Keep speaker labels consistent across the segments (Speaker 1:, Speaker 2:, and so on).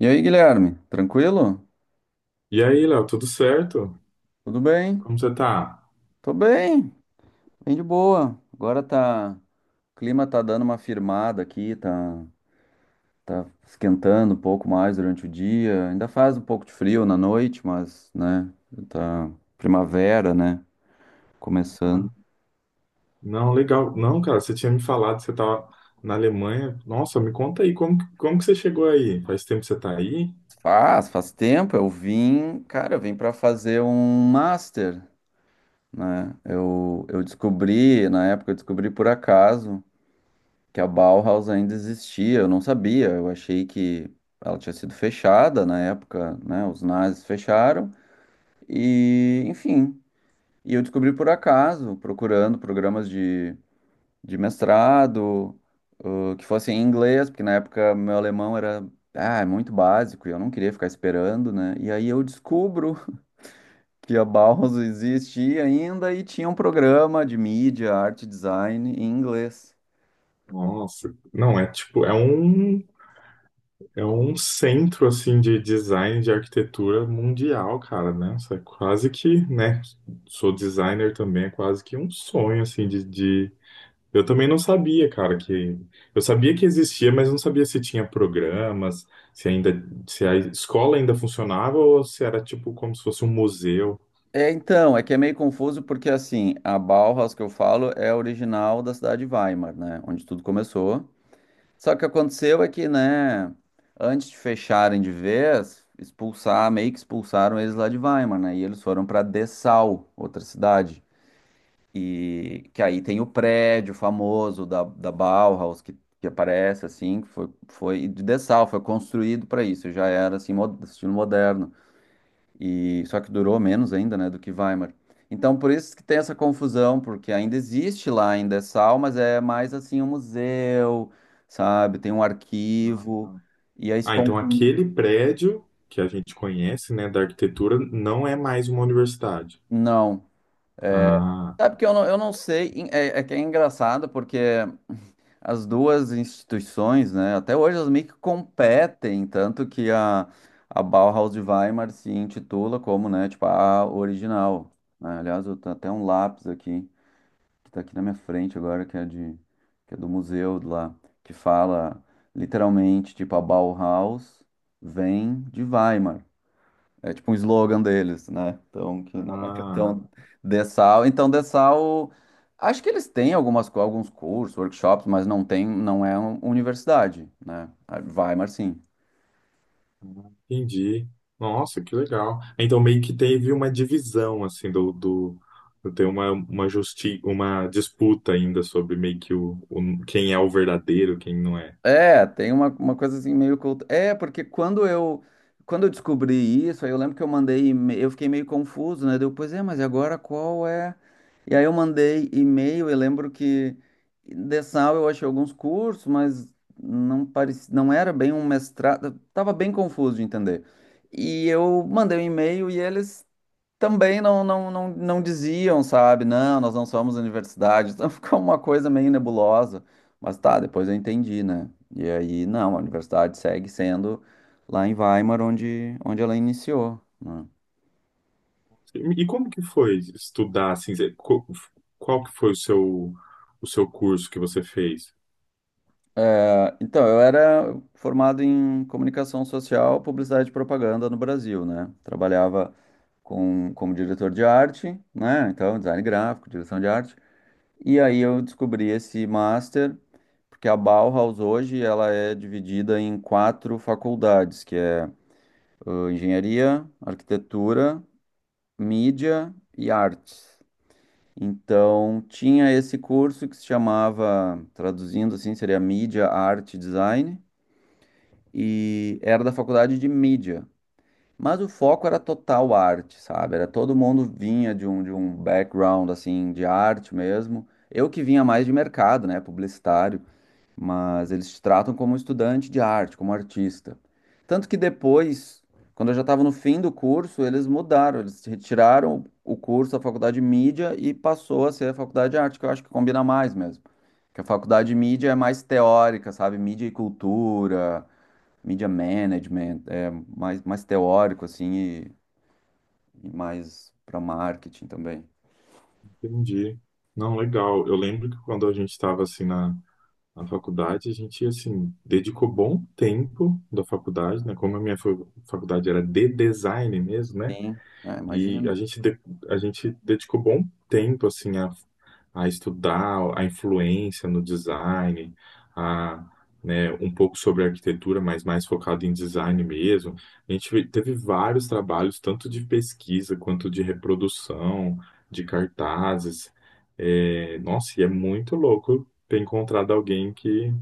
Speaker 1: E aí, Guilherme, tranquilo?
Speaker 2: E aí, Léo, tudo certo?
Speaker 1: Tudo bem?
Speaker 2: Como você tá?
Speaker 1: Tô bem, bem de boa. Agora tá, o clima tá dando uma firmada aqui, tá, tá esquentando um pouco mais durante o dia. Ainda faz um pouco de frio na noite, mas, né, tá primavera, né, começando.
Speaker 2: Ah, não, legal. Não, cara, você tinha me falado que você tava na Alemanha. Nossa, me conta aí, como, como que você chegou aí? Faz tempo que você tá aí?
Speaker 1: Faz tempo. Eu vim, cara, eu vim pra fazer um master, né? Eu descobri, na época eu descobri por acaso que a Bauhaus ainda existia, eu não sabia, eu achei que ela tinha sido fechada na época, né? Os nazis fecharam e, enfim, e eu descobri por acaso, procurando programas de mestrado, que fossem em inglês, porque na época meu alemão era muito básico e eu não queria ficar esperando, né? E aí eu descubro que a Bauhaus existia ainda e tinha um programa de mídia, arte, e design em inglês.
Speaker 2: Nossa, não, é tipo, é um centro, assim, de design, de arquitetura mundial, cara, né? Isso é quase que, né, sou designer também, é quase que um sonho, assim, de, eu também não sabia, cara, que eu sabia que existia, mas não sabia se tinha programas, se ainda se a escola ainda funcionava ou se era tipo como se fosse um museu.
Speaker 1: É, então, é que é meio confuso porque, assim, a Bauhaus que eu falo é original da cidade de Weimar, né? Onde tudo começou. Só que o que aconteceu é que, né, antes de fecharem de vez, expulsar, meio que expulsaram eles lá de Weimar, né? E eles foram para Dessau, outra cidade. E que aí tem o prédio famoso da, da Bauhaus que aparece, assim, que foi, foi de Dessau, foi construído para isso, já era, assim, estilo moderno. E só que durou menos ainda, né, do que Weimar. Então, por isso que tem essa confusão, porque ainda existe lá, ainda é sal, mas é mais assim um museu, sabe? Tem um
Speaker 2: Ah,
Speaker 1: arquivo, e aí se
Speaker 2: ah, então
Speaker 1: confunde.
Speaker 2: aquele prédio que a gente conhece, né, da arquitetura, não é mais uma universidade.
Speaker 1: Não.
Speaker 2: Ah,
Speaker 1: Sabe que eu não sei, é, é que é engraçado, porque as duas instituições, né, até hoje elas meio que competem, tanto que a Bauhaus de Weimar se intitula como, né, tipo, a original, né? Aliás, eu tenho até um lápis aqui, que tá aqui na minha frente agora, que é de, que é do museu de lá, que fala literalmente, tipo, a Bauhaus vem de Weimar. É tipo um slogan deles, né? Então, que não,
Speaker 2: ah.
Speaker 1: então, então Dessau, acho que eles têm algumas, alguns cursos, workshops, mas não tem, não é uma universidade, né? A Weimar, sim.
Speaker 2: Entendi. Nossa, que legal. Então meio que teve uma divisão assim do tem uma justi uma disputa ainda sobre meio que quem é o verdadeiro, quem não é.
Speaker 1: É, tem uma coisa assim meio culta. É, porque quando eu descobri isso, aí eu lembro que eu mandei, eu fiquei meio confuso, né? Deu, pois é, mas e agora qual é? E aí eu mandei e-mail, eu lembro que dessal eu achei alguns cursos, mas não parecia, não era bem um mestrado, eu tava bem confuso de entender. E eu mandei um e-mail e eles também não diziam, sabe? Não, nós não somos universidade. Então ficou uma coisa meio nebulosa. Mas tá, depois eu entendi, né? E aí, não, a universidade segue sendo lá em Weimar, onde, onde ela iniciou, né?
Speaker 2: E como que foi estudar assim, qual que foi o seu curso que você fez?
Speaker 1: É, então, eu era formado em comunicação social, publicidade e propaganda no Brasil, né? Trabalhava com, como diretor de arte, né? Então, design gráfico, direção de arte. E aí eu descobri esse master, porque a Bauhaus hoje ela é dividida em quatro faculdades, que é engenharia, arquitetura, mídia e artes. Então tinha esse curso que se chamava, traduzindo assim, seria mídia, arte, e design, e era da faculdade de mídia. Mas o foco era total arte, sabe? Era todo mundo vinha de um background assim de arte mesmo. Eu que vinha mais de mercado, né? Publicitário. Mas eles te tratam como um estudante de arte, como artista. Tanto que depois, quando eu já estava no fim do curso, eles mudaram, eles retiraram o curso da faculdade de mídia e passou a ser a faculdade de arte, que eu acho que combina mais mesmo. Que a faculdade de mídia é mais teórica, sabe? Mídia e cultura, mídia management, é mais, mais teórico, assim, e mais para marketing também.
Speaker 2: Entendi. Não, legal. Eu lembro que quando a gente estava assim na faculdade, a gente, assim, dedicou bom tempo da faculdade, né? Como a faculdade era de design mesmo, né?
Speaker 1: Sim, é,
Speaker 2: E
Speaker 1: imagino.
Speaker 2: a gente dedicou bom tempo assim a estudar a influência no design, a, né, um pouco sobre arquitetura, mas mais focado em design mesmo. A gente teve vários trabalhos, tanto de pesquisa quanto de reprodução, de cartazes. É, nossa, e é muito louco ter encontrado alguém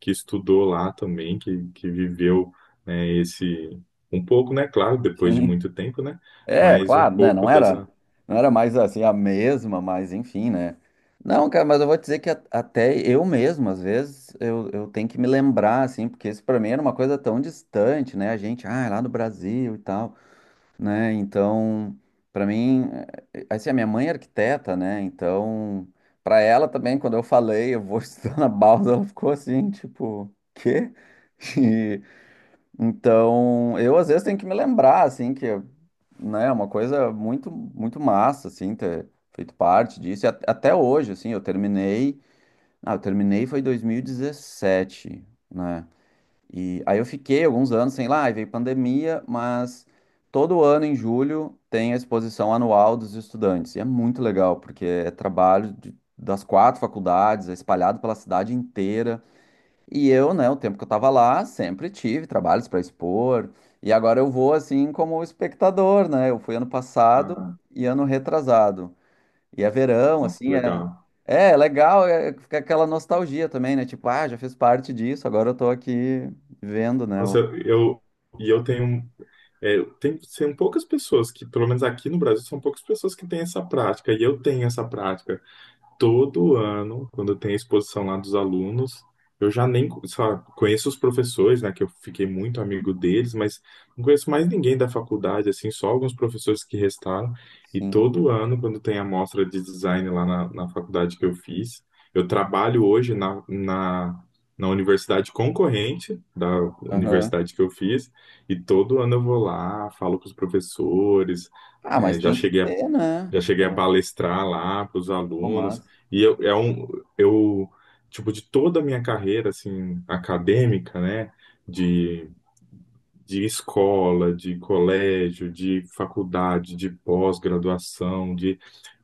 Speaker 2: que estudou lá também, que viveu, né, esse um pouco, né? Claro, depois de
Speaker 1: Sim.
Speaker 2: muito tempo, né?
Speaker 1: É,
Speaker 2: Mas um
Speaker 1: claro, né?
Speaker 2: pouco
Speaker 1: Não era,
Speaker 2: dessa.
Speaker 1: não era mais assim a mesma, mas enfim, né? Não, cara, mas eu vou te dizer que até eu mesmo, às vezes, eu tenho que me lembrar, assim, porque isso pra mim era uma coisa tão distante, né? A gente, ah, é lá no Brasil e tal, né? Então, pra mim, assim, a minha mãe é arquiteta, né? Então, pra ela também, quando eu falei, eu vou estudar na Bauhaus, ela ficou assim, tipo, quê? Então, eu às vezes tenho que me lembrar, assim, que, né, é uma coisa muito, muito massa, assim, ter feito parte disso. E até hoje, assim, eu terminei, eu terminei foi em 2017, né? E aí eu fiquei alguns anos sem live e veio pandemia, mas todo ano em julho tem a exposição anual dos estudantes. E é muito legal, porque é das quatro faculdades, é espalhado pela cidade inteira. E eu, né, o tempo que eu tava lá, sempre tive trabalhos para expor. E agora eu vou assim como espectador, né? Eu fui ano passado
Speaker 2: Ah,
Speaker 1: e ano retrasado. E é verão,
Speaker 2: nossa, que
Speaker 1: assim,
Speaker 2: legal.
Speaker 1: é legal, é, fica aquela nostalgia também, né? Tipo, ah, já fiz parte disso, agora eu tô aqui vendo, né?
Speaker 2: Nossa,
Speaker 1: O-
Speaker 2: eu. eu- E eu tenho. É, tem, tem poucas pessoas que, pelo menos aqui no Brasil, são poucas pessoas que têm essa prática, e eu tenho essa prática. Todo ano, quando tem a exposição lá dos alunos, eu já nem, sabe, conheço os professores, né, que eu fiquei muito amigo deles, mas não conheço mais ninguém da faculdade, assim, só alguns professores que restaram. E
Speaker 1: Sim.
Speaker 2: todo ano, quando tem a mostra de design lá na faculdade que eu fiz, eu trabalho hoje na universidade concorrente da
Speaker 1: Aham.
Speaker 2: universidade que eu fiz, e todo ano eu vou lá, falo com os professores,
Speaker 1: Ah,
Speaker 2: eh,
Speaker 1: mas
Speaker 2: já
Speaker 1: tem que
Speaker 2: cheguei a
Speaker 1: ter, né?
Speaker 2: já cheguei a
Speaker 1: É,
Speaker 2: palestrar lá para os
Speaker 1: pô,
Speaker 2: alunos.
Speaker 1: mas,
Speaker 2: E eu, é um, eu, tipo, de toda a minha carreira, assim, acadêmica, né? De, de escola, de colégio, de faculdade, de pós-graduação,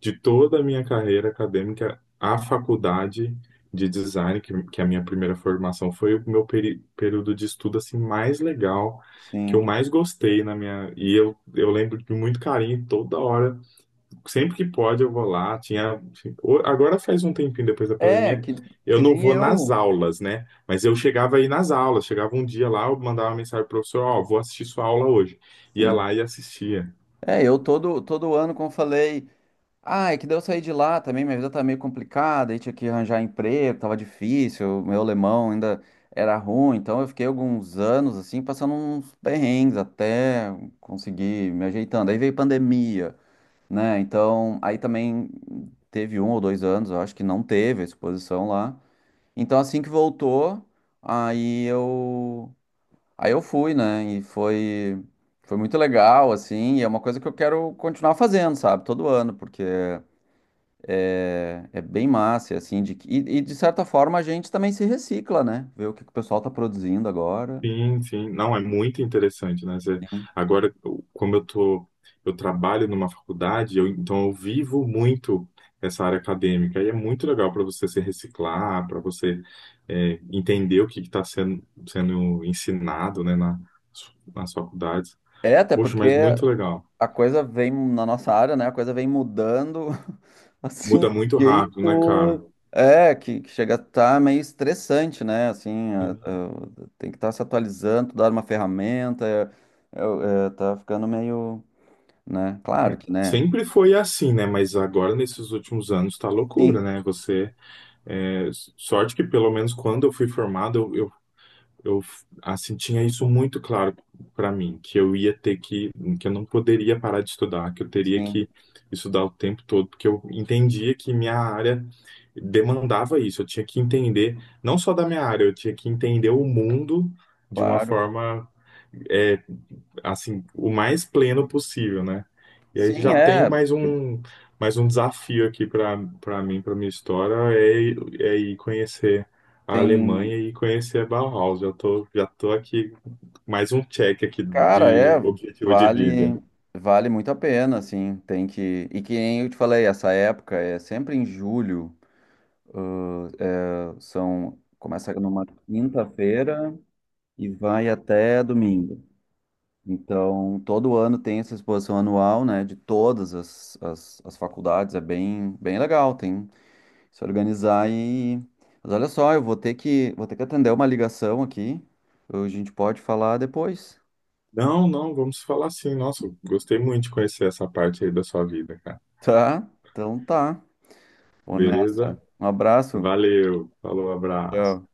Speaker 2: de toda a minha carreira acadêmica, a faculdade de design, que é a minha primeira formação, foi o meu período de estudo, assim, mais legal, que eu
Speaker 1: sim.
Speaker 2: mais gostei na minha... E eu lembro de muito carinho toda hora sempre que pode eu vou lá. Tinha, assim, o- agora faz um tempinho depois da
Speaker 1: É,
Speaker 2: pandemia,
Speaker 1: que
Speaker 2: eu não
Speaker 1: nem
Speaker 2: vou nas
Speaker 1: eu.
Speaker 2: aulas, né? Mas eu chegava aí nas aulas, chegava um dia lá, eu mandava uma mensagem pro professor, ó, vou assistir sua aula hoje. Ia
Speaker 1: Sim.
Speaker 2: lá e assistia.
Speaker 1: É, todo ano, como eu falei, ah, é que daí eu saí de lá também, minha vida tá meio complicada, aí tinha que arranjar emprego, tava difícil, meu alemão ainda era ruim, então eu fiquei alguns anos assim, passando uns perrengues até conseguir me ajeitando. Aí veio pandemia, né? Então, aí também teve um ou dois anos, eu acho que não teve a exposição lá. Então, assim que voltou, aí eu aí eu fui, né? E foi foi muito legal assim, e é uma coisa que eu quero continuar fazendo, sabe? Todo ano, porque é é bem massa, assim, e de certa forma a gente também se recicla, né? Ver o que, que o pessoal tá produzindo agora.
Speaker 2: Sim, sim. Não, é muito interessante, né? Você-
Speaker 1: Sim.
Speaker 2: agora, como eu tô, eu trabalho numa faculdade, eu- então eu vivo muito essa área acadêmica. E é muito legal para você se reciclar, para você é, entender o que está sendo, sendo ensinado, né, nas faculdades.
Speaker 1: É, até
Speaker 2: Poxa, mas
Speaker 1: porque
Speaker 2: muito legal.
Speaker 1: a coisa vem na nossa área, né? A coisa vem mudando, assim,
Speaker 2: Muda muito
Speaker 1: de
Speaker 2: rápido, né, cara?
Speaker 1: jeito. É, que chega a estar meio estressante, né? Assim,
Speaker 2: Sim.
Speaker 1: tem que estar se atualizando, dar uma ferramenta, é, tá ficando meio, né? Claro que, né?
Speaker 2: Sempre foi assim, né? Mas agora, nesses últimos anos, tá loucura,
Speaker 1: Sim,
Speaker 2: né? Você. É, sorte que, pelo menos, quando eu fui formado, eu assim tinha isso muito claro para mim, que eu ia ter que eu não poderia parar de estudar, que eu teria
Speaker 1: sim,
Speaker 2: que estudar o tempo todo, porque eu entendia que minha área demandava isso, eu tinha que entender não só da minha área, eu tinha que entender o mundo de uma
Speaker 1: claro.
Speaker 2: forma eh, assim, o mais pleno possível, né? E aí
Speaker 1: Sim,
Speaker 2: já tenho
Speaker 1: é,
Speaker 2: mais um desafio aqui para mim, para minha história, é, é ir conhecer a Alemanha
Speaker 1: tem.
Speaker 2: e conhecer a Bauhaus. Já tô aqui, mais um check aqui
Speaker 1: Cara,
Speaker 2: de
Speaker 1: é,
Speaker 2: objetivo de vida.
Speaker 1: vale, vale muito a pena, assim, tem que, e que nem eu te falei, essa época é sempre em julho, são, começa numa quinta-feira e vai até domingo. Então, todo ano tem essa exposição anual, né, de todas as, as, as faculdades, é bem, bem legal, tem que se organizar e... Mas olha só, eu vou ter que atender uma ligação aqui, a gente pode falar depois,
Speaker 2: Não, não, vamos falar assim. Nossa, gostei muito de conhecer essa parte aí da sua vida, cara.
Speaker 1: tá? Então tá. Vou
Speaker 2: Beleza?
Speaker 1: nessa. Um abraço.
Speaker 2: Valeu, falou, abraço.
Speaker 1: Tchau.